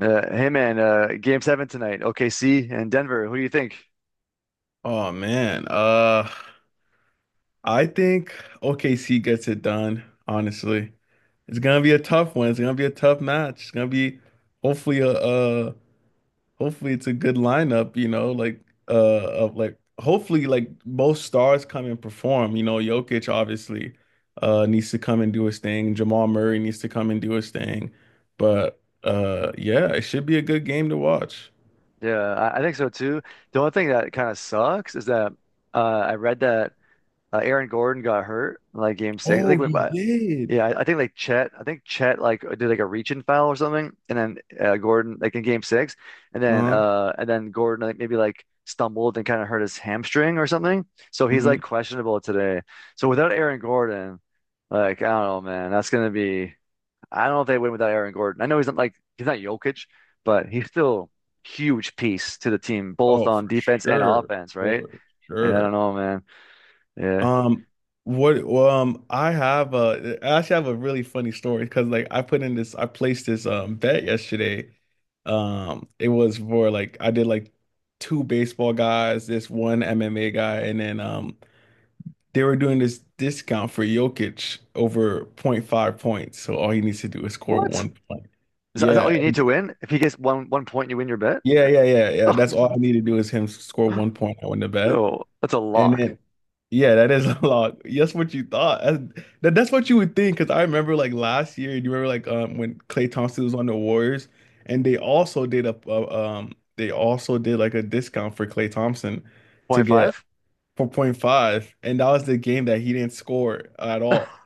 Hey man, game seven tonight, OKC and Denver. Who do you think? Oh man. I think OKC gets it done, honestly. It's gonna be a tough one. It's gonna be a tough match. It's gonna be hopefully a hopefully it's a good lineup, uh of like hopefully like both stars come and perform. You know, Jokic obviously needs to come and do his thing. Jamal Murray needs to come and do his thing. But yeah, it should be a good game to watch. Yeah, I think so too. The only thing that kind of sucks is that I read that Aaron Gordon got hurt in, like game six. I Oh, think, we, he but did. yeah, I think like Chet, I think Chet like did like a reach-in foul or something, and then Gordon like in game six, and then Uh-huh. Gordon like maybe like stumbled and kind of hurt his hamstring or something. So he's Mhm. like questionable today. So without Aaron Gordon, like I don't know, man, that's gonna be. I don't know if they win without Aaron Gordon. I know he's not like he's not Jokic, but he's still huge piece to the team, both Oh, on for defense and sure. offense, right? For And I don't sure. know, man. Yeah. Um, what well, I actually have a really funny story because like I placed this bet yesterday. It was for like I did like two baseball guys, this one MMA guy, and then they were doing this discount for Jokic over point five points. So all he needs to do is score What? one point. Is that all Yeah. you need to win? If he gets one point, you win your bet? Yeah, yeah, yeah, Oh, yeah. That's all I that's... need to do is him score one point. I win the bet. No, that's a And lock. then, yeah, that is a lot. That's what you thought. That's what you would think. Because I remember like last year, you remember like when Klay Thompson was on the Warriors, and they also did a they also did like a discount for Klay Thompson to Point get five. 4.5, and that was the game that he didn't score at all.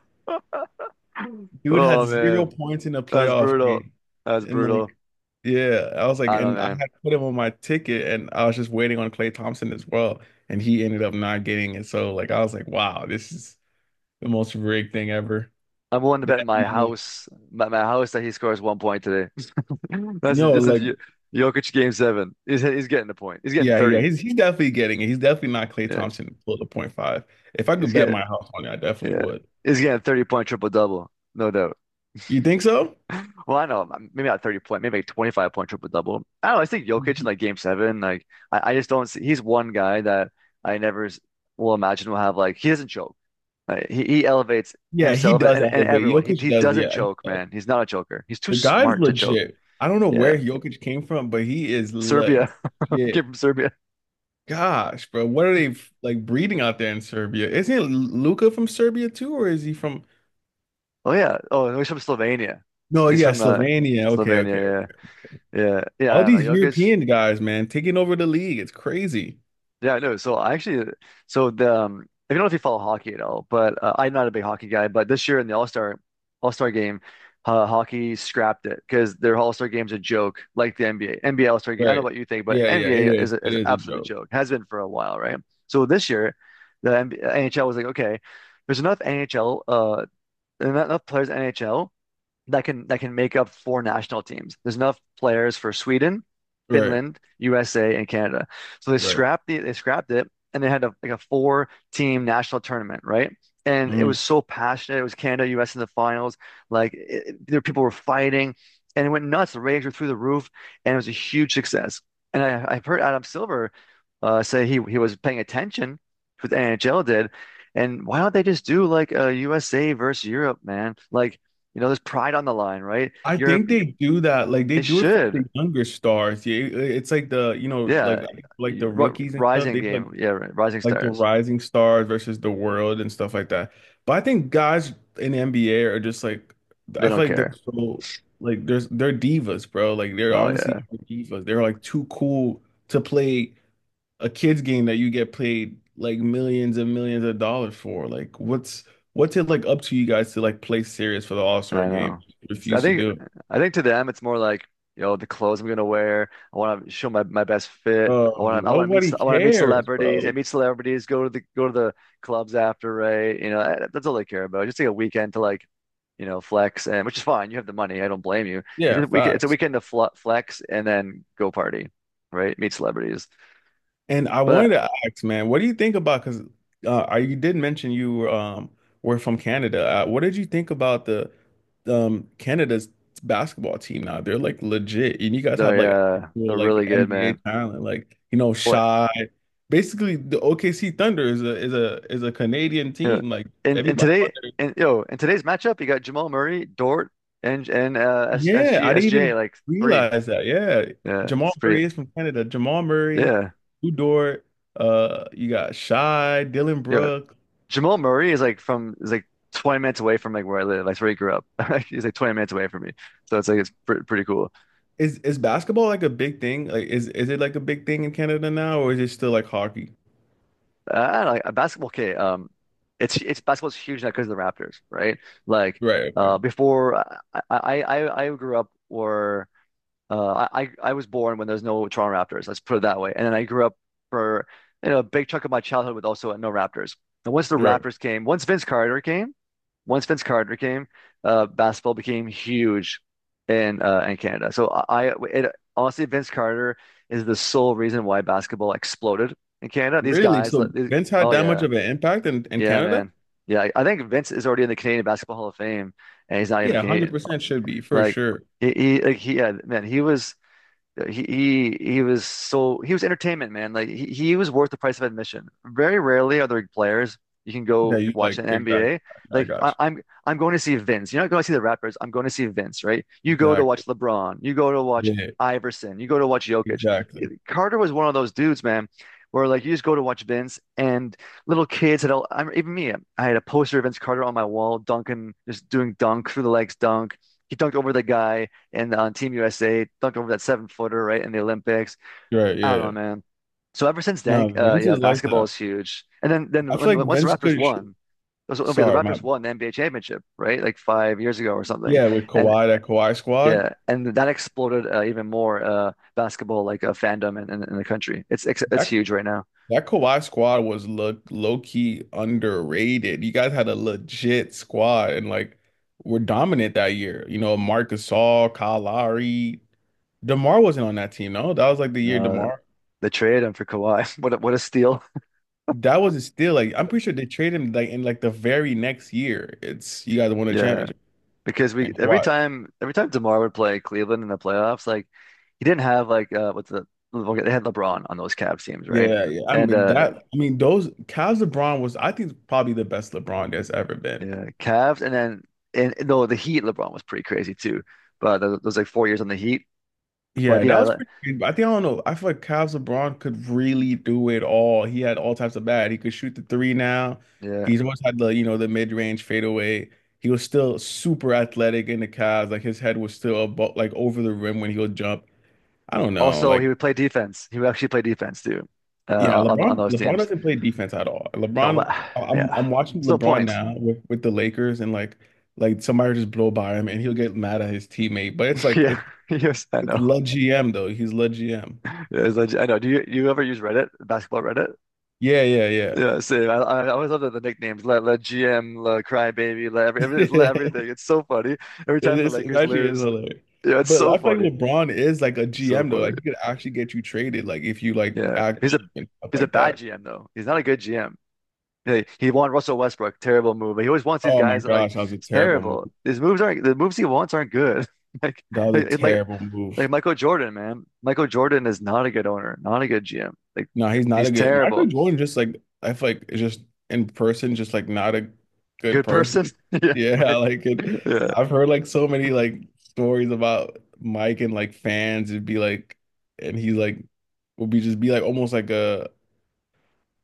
Dude had Oh zero man. points in a That's playoff brutal. game. That's And brutal. like, yeah, I was like, I don't know, and I man. had put him on my ticket and I was just waiting on Klay Thompson as well. And he ended up not getting it. So like I was like, wow, this is the most rigged thing ever. I'm willing to That, bet my yeah. house, my house that he scores 1 point today. That's Yo, this is like, Yo- Jokic game seven. He's getting the point. He's getting yeah, yeah, 30. he's definitely getting it. He's definitely not Klay Yeah. Thompson below the point five. If I He's could bet my getting house on it, I definitely yeah. would. He's getting 30 point triple double. No doubt. You think so? Well, I know maybe not 30 point, maybe like 25 point triple double. I don't know. I think Jokic in Mhm. like game seven, like I just don't see he's one guy that I never s- will imagine will have like he doesn't choke. Like, he elevates Yeah, he himself and, does and, and elevate. everyone. He Jokic he does, doesn't yeah. choke, man. He's not a choker. He's too The guy's smart to choke. legit. I don't know Yeah. where Jokic came from, but he is Serbia. Came legit. from Serbia. Gosh, bro, what are they like breeding out there in Serbia? Isn't Luka from Serbia too, or is he from? Oh yeah. Oh, no, he's from Slovenia. No, He's yeah, from Slovenia. Okay, okay. Slovenia. Yeah. I All don't know. these Jokic. European guys, man, taking over the league. It's crazy. Yeah, I know. So I actually, so the I don't know if you follow hockey at all, but I'm not a big hockey guy. But this year in the All-Star game, hockey scrapped it because their All-Star game's a joke, like the NBA All-Star game. I don't know Right. what you think, but Yeah, yeah, it NBA is is. a, It is an is a absolute joke. joke. Has been for a while, right? So this year, the NBA, NHL was like, okay, there's enough NHL, enough players in NHL that can make up four national teams. There's enough players for Sweden, Right, Finland, USA, and Canada. So they right. scrapped it and they had a, like a four team national tournament, right? And it Mm. was so passionate. It was Canada, US in the finals. Like it, there, people were fighting, and it went nuts. The ratings were through the roof, and it was a huge success. And I've heard Adam Silver say he was paying attention to what the NHL did. And why don't they just do like a USA versus Europe, man? Like you know, there's pride on the line, right? I Europe, think they do that. Like they they do it for like the should. younger stars. Yeah, it's like the Yeah. like the rookies and stuff. Rising They game. Yeah. Rising like the Stars. rising stars versus the world and stuff like that. But I think guys in the NBA are just like They I don't feel like they're care. so like there's they're divas, bro. Like they're Oh, honestly yeah. divas. They're like too cool to play a kids game that you get paid like millions and millions of dollars for. Like what's it like up to you guys to like play serious for the All-Star I game? know. You So refuse to do it. I think to them it's more like, you know, the clothes I'm gonna wear. I want to show my, my best fit. I Oh, want to I want to meet ce- nobody I want to meet cares, bro. celebrities. Yeah, meet celebrities. Go to the clubs after, right? You know, eh, that's all they care about. Just take a weekend to like, you know, flex and which is fine. You have the money. I don't blame you. It's Yeah, a weekend. It's a facts. weekend to fl flex and then go party, right? Meet celebrities. And I wanted But to ask, man, what do you think about? Because you did mention you were from Canada. What did you think about the Canada's basketball team now? They're like legit, and you guys have like actual they're like really good, NBA man. talent, like you know, Well, Shy. Basically, the OKC Thunder is a Canadian yeah. team. Like And everybody on today there. and yo, in today's matchup, you got Jamal Murray, Dort, and S Yeah, SG I didn't SGA even like three. realize that. Yeah, Yeah, Jamal it's pretty Murray is from Canada. Jamal Murray, yeah. Udort. You got Shy, Dylan Yeah. Brooks. Jamal Murray is like 20 minutes away from like where I live. That's where he grew up. He's like 20 minutes away from me. So it's like it's pr pretty cool. Is basketball like a big thing? Like is it like a big thing in Canada now, or is it still like hockey? I don't know, like basketball okay, it's basketball's huge now because of the Raptors, right? Like Right, okay. Before I I grew up where I was born when there's no Toronto Raptors. Let's put it that way. And then I grew up for you know a big chunk of my childhood with also no Raptors. And once the Right. Raptors came, once Vince Carter came, basketball became huge in Canada. So I- it, honestly, Vince Carter is the sole reason why basketball exploded in Canada. These Really? guys, let- So these, Vince had oh that much yeah, of an impact in yeah, Canada? man, yeah. I think Vince is already in the Canadian Basketball Hall of Fame, and he's not even Yeah, Canadian. 100% should be for Like sure. he, yeah, man, he was uh, He he was so he was entertainment, man. Like he was worth the price of admission. Very rarely are there players you can Yeah, go you watch like an exactly. NBA. I Like I, got I'm I'm going to see Vince. You're not going to see the rappers. I'm going to see Vince, right? you. You go to watch Exactly. LeBron. You go to watch Yeah, Iverson. You go to watch Jokic. exactly. Carter was one of those dudes, man, where like you just go to watch Vince and little kids had all. I'm even me. I had a poster of Vince Carter on my wall, dunking, just doing dunk through the legs, dunk. He dunked over the guy and on Team USA, dunked over that seven footer, right, in the Olympics. Right, I yeah, don't know, yeah. man. So ever since then, No, Vince yeah, is like basketball is that. huge. And I then when feel like once the Vince Raptors could sh- won, it was, okay, the sorry, my Raptors won the NBA championship, right, like 5 years ago or something. yeah, with And Kawhi, that Kawhi squad. yeah, and that exploded even more basketball like fandom in the country. It's huge right now. That Kawhi squad was look low key underrated. You guys had a legit squad and like were dominant that year. You know, Marc Gasol, Kyle Lowry, DeMar wasn't on that team. No, that was like the year Uh, DeMar. the trade and for Kawhi, what a steal! That was still like I'm pretty sure they traded him like in like the very next year. It's you guys won a Yeah. championship Because we and every Kawhi. time every time DeMar would play Cleveland in the playoffs, like he didn't have like what's the okay, they had LeBron on those Cavs teams, right? Yeah, yeah. I And mean that. I mean those Cavs LeBron was I think probably the best LeBron there's ever been. yeah, Cavs and then and no the Heat LeBron was pretty crazy too. But th- those like 4 years on the Heat. But Yeah, that yeah, was le- pretty good. I think I don't know. I feel like Cavs LeBron could really do it all. He had all types of bad. He could shoot the three now. yeah. He's always had the, you know, the mid-range fadeaway. He was still super athletic in the Cavs. Like his head was still above, like over the rim when he would jump. I don't know. Also he Like, would play defense. He would actually play defense too. yeah, On LeBron those LeBron teams. doesn't play defense at all. Oh but LeBron, yeah. I'm watching There's no LeBron point. now with the Lakers and like somebody will just blow by him and he'll get mad at his teammate. But it's like Yeah. Yes, I it's know. Le GM though. He's Le GM. Yes, I know. Do you ever use Reddit, basketball Reddit? Yeah, yeah, yeah. Yeah, same. I always love the nicknames. La, La GM, La Crybaby, it's La everything. it It's so funny. Every time the is it Lakers actually is lose, hilarious. yeah, it's But so I feel funny. like LeBron is like a It's so GM though. funny. Like he could actually get you traded, like if you like Yeah, act up and stuff he's a like bad that. GM though. He's not a good GM. He won Russell Westbrook. Terrible move. But He always wants these Oh my guys that like gosh, that was a it's terrible move. terrible. His moves aren't the moves he wants aren't good. Like That was a like like, terrible move. like Michael Jordan, man. Michael Jordan is not a good owner. Not a good GM. Like No, he's not he's a good Michael terrible. Jordan just like I feel like is just in person, just like not a good Good person. person. Yeah, Yeah, right. like it. Yeah. I've heard like so many like stories about Mike and like fans. It'd be like and he's like would be just be like almost like a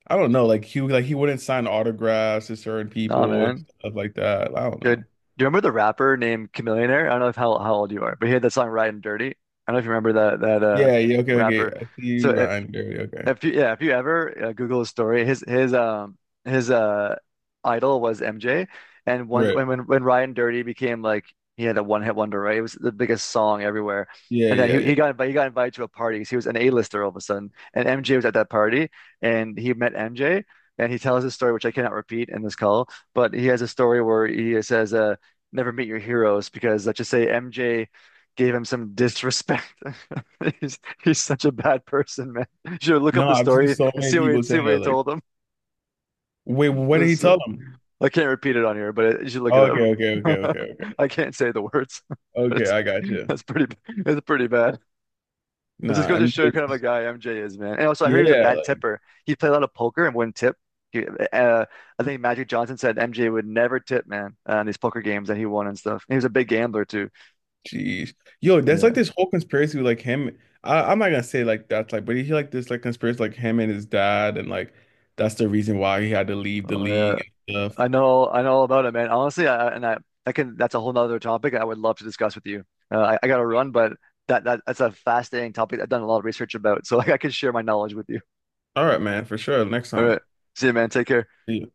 I don't know. Like he wouldn't sign autographs to certain Nah, people and man. stuff like that. I don't Dude, do know. you remember the rapper named Chamillionaire? I don't know if how, how old you are, but he had that song "Riding Dirty." I don't know if you remember that that Yeah, yeah, okay, okay. rapper. I see So you, Ryan Dirty. Okay. if you yeah, if you ever Google his story, his idol was MJ, and when Right. when when when Ryan Dirty became like he had a one hit wonder, right? It was the biggest song everywhere, Yeah, and then yeah, he yeah. he got invited he got invited to a party. So he was an A-lister all of a sudden, and MJ was at that party, and he met MJ, and he tells his story, which I cannot repeat in this call, but he has a story where he says, never meet your heroes," because let's just say MJ gave him some disrespect. He's he's such a bad person. You should look up No, the I've seen story so and many people see say what that. he Like, told them. wait, what did he It's, tell them? I can't repeat it on here, but it, you should look it Oh, okay, okay, okay, up. okay, okay. I can't say the words, but Okay, it's I got you. that's pretty it's pretty bad. It just Nah, goes to show MJ. you kind of a guy MJ is, man. And also, I heard he was a Yeah, bad like, tipper. He played a lot of poker and wouldn't tip. He, uh, I think Magic Johnson said MJ would never tip, man, on these poker games that he won and stuff. And he was a big gambler too. jeez. Yo, that's like Yeah. this whole conspiracy with like him. I'm not gonna say like that's like, but he like this like conspiracy like him and his dad, and like that's the reason why he had to leave the Oh yeah. league and stuff. I know all about it, man. Honestly, I can. That's a whole nother topic I would love to discuss with you. I got to run, but that's a fascinating topic. I've done a lot of research about, so like, I can share my knowledge with you. All right, man, for sure. Next All time. right, see you, man. Take care. See you.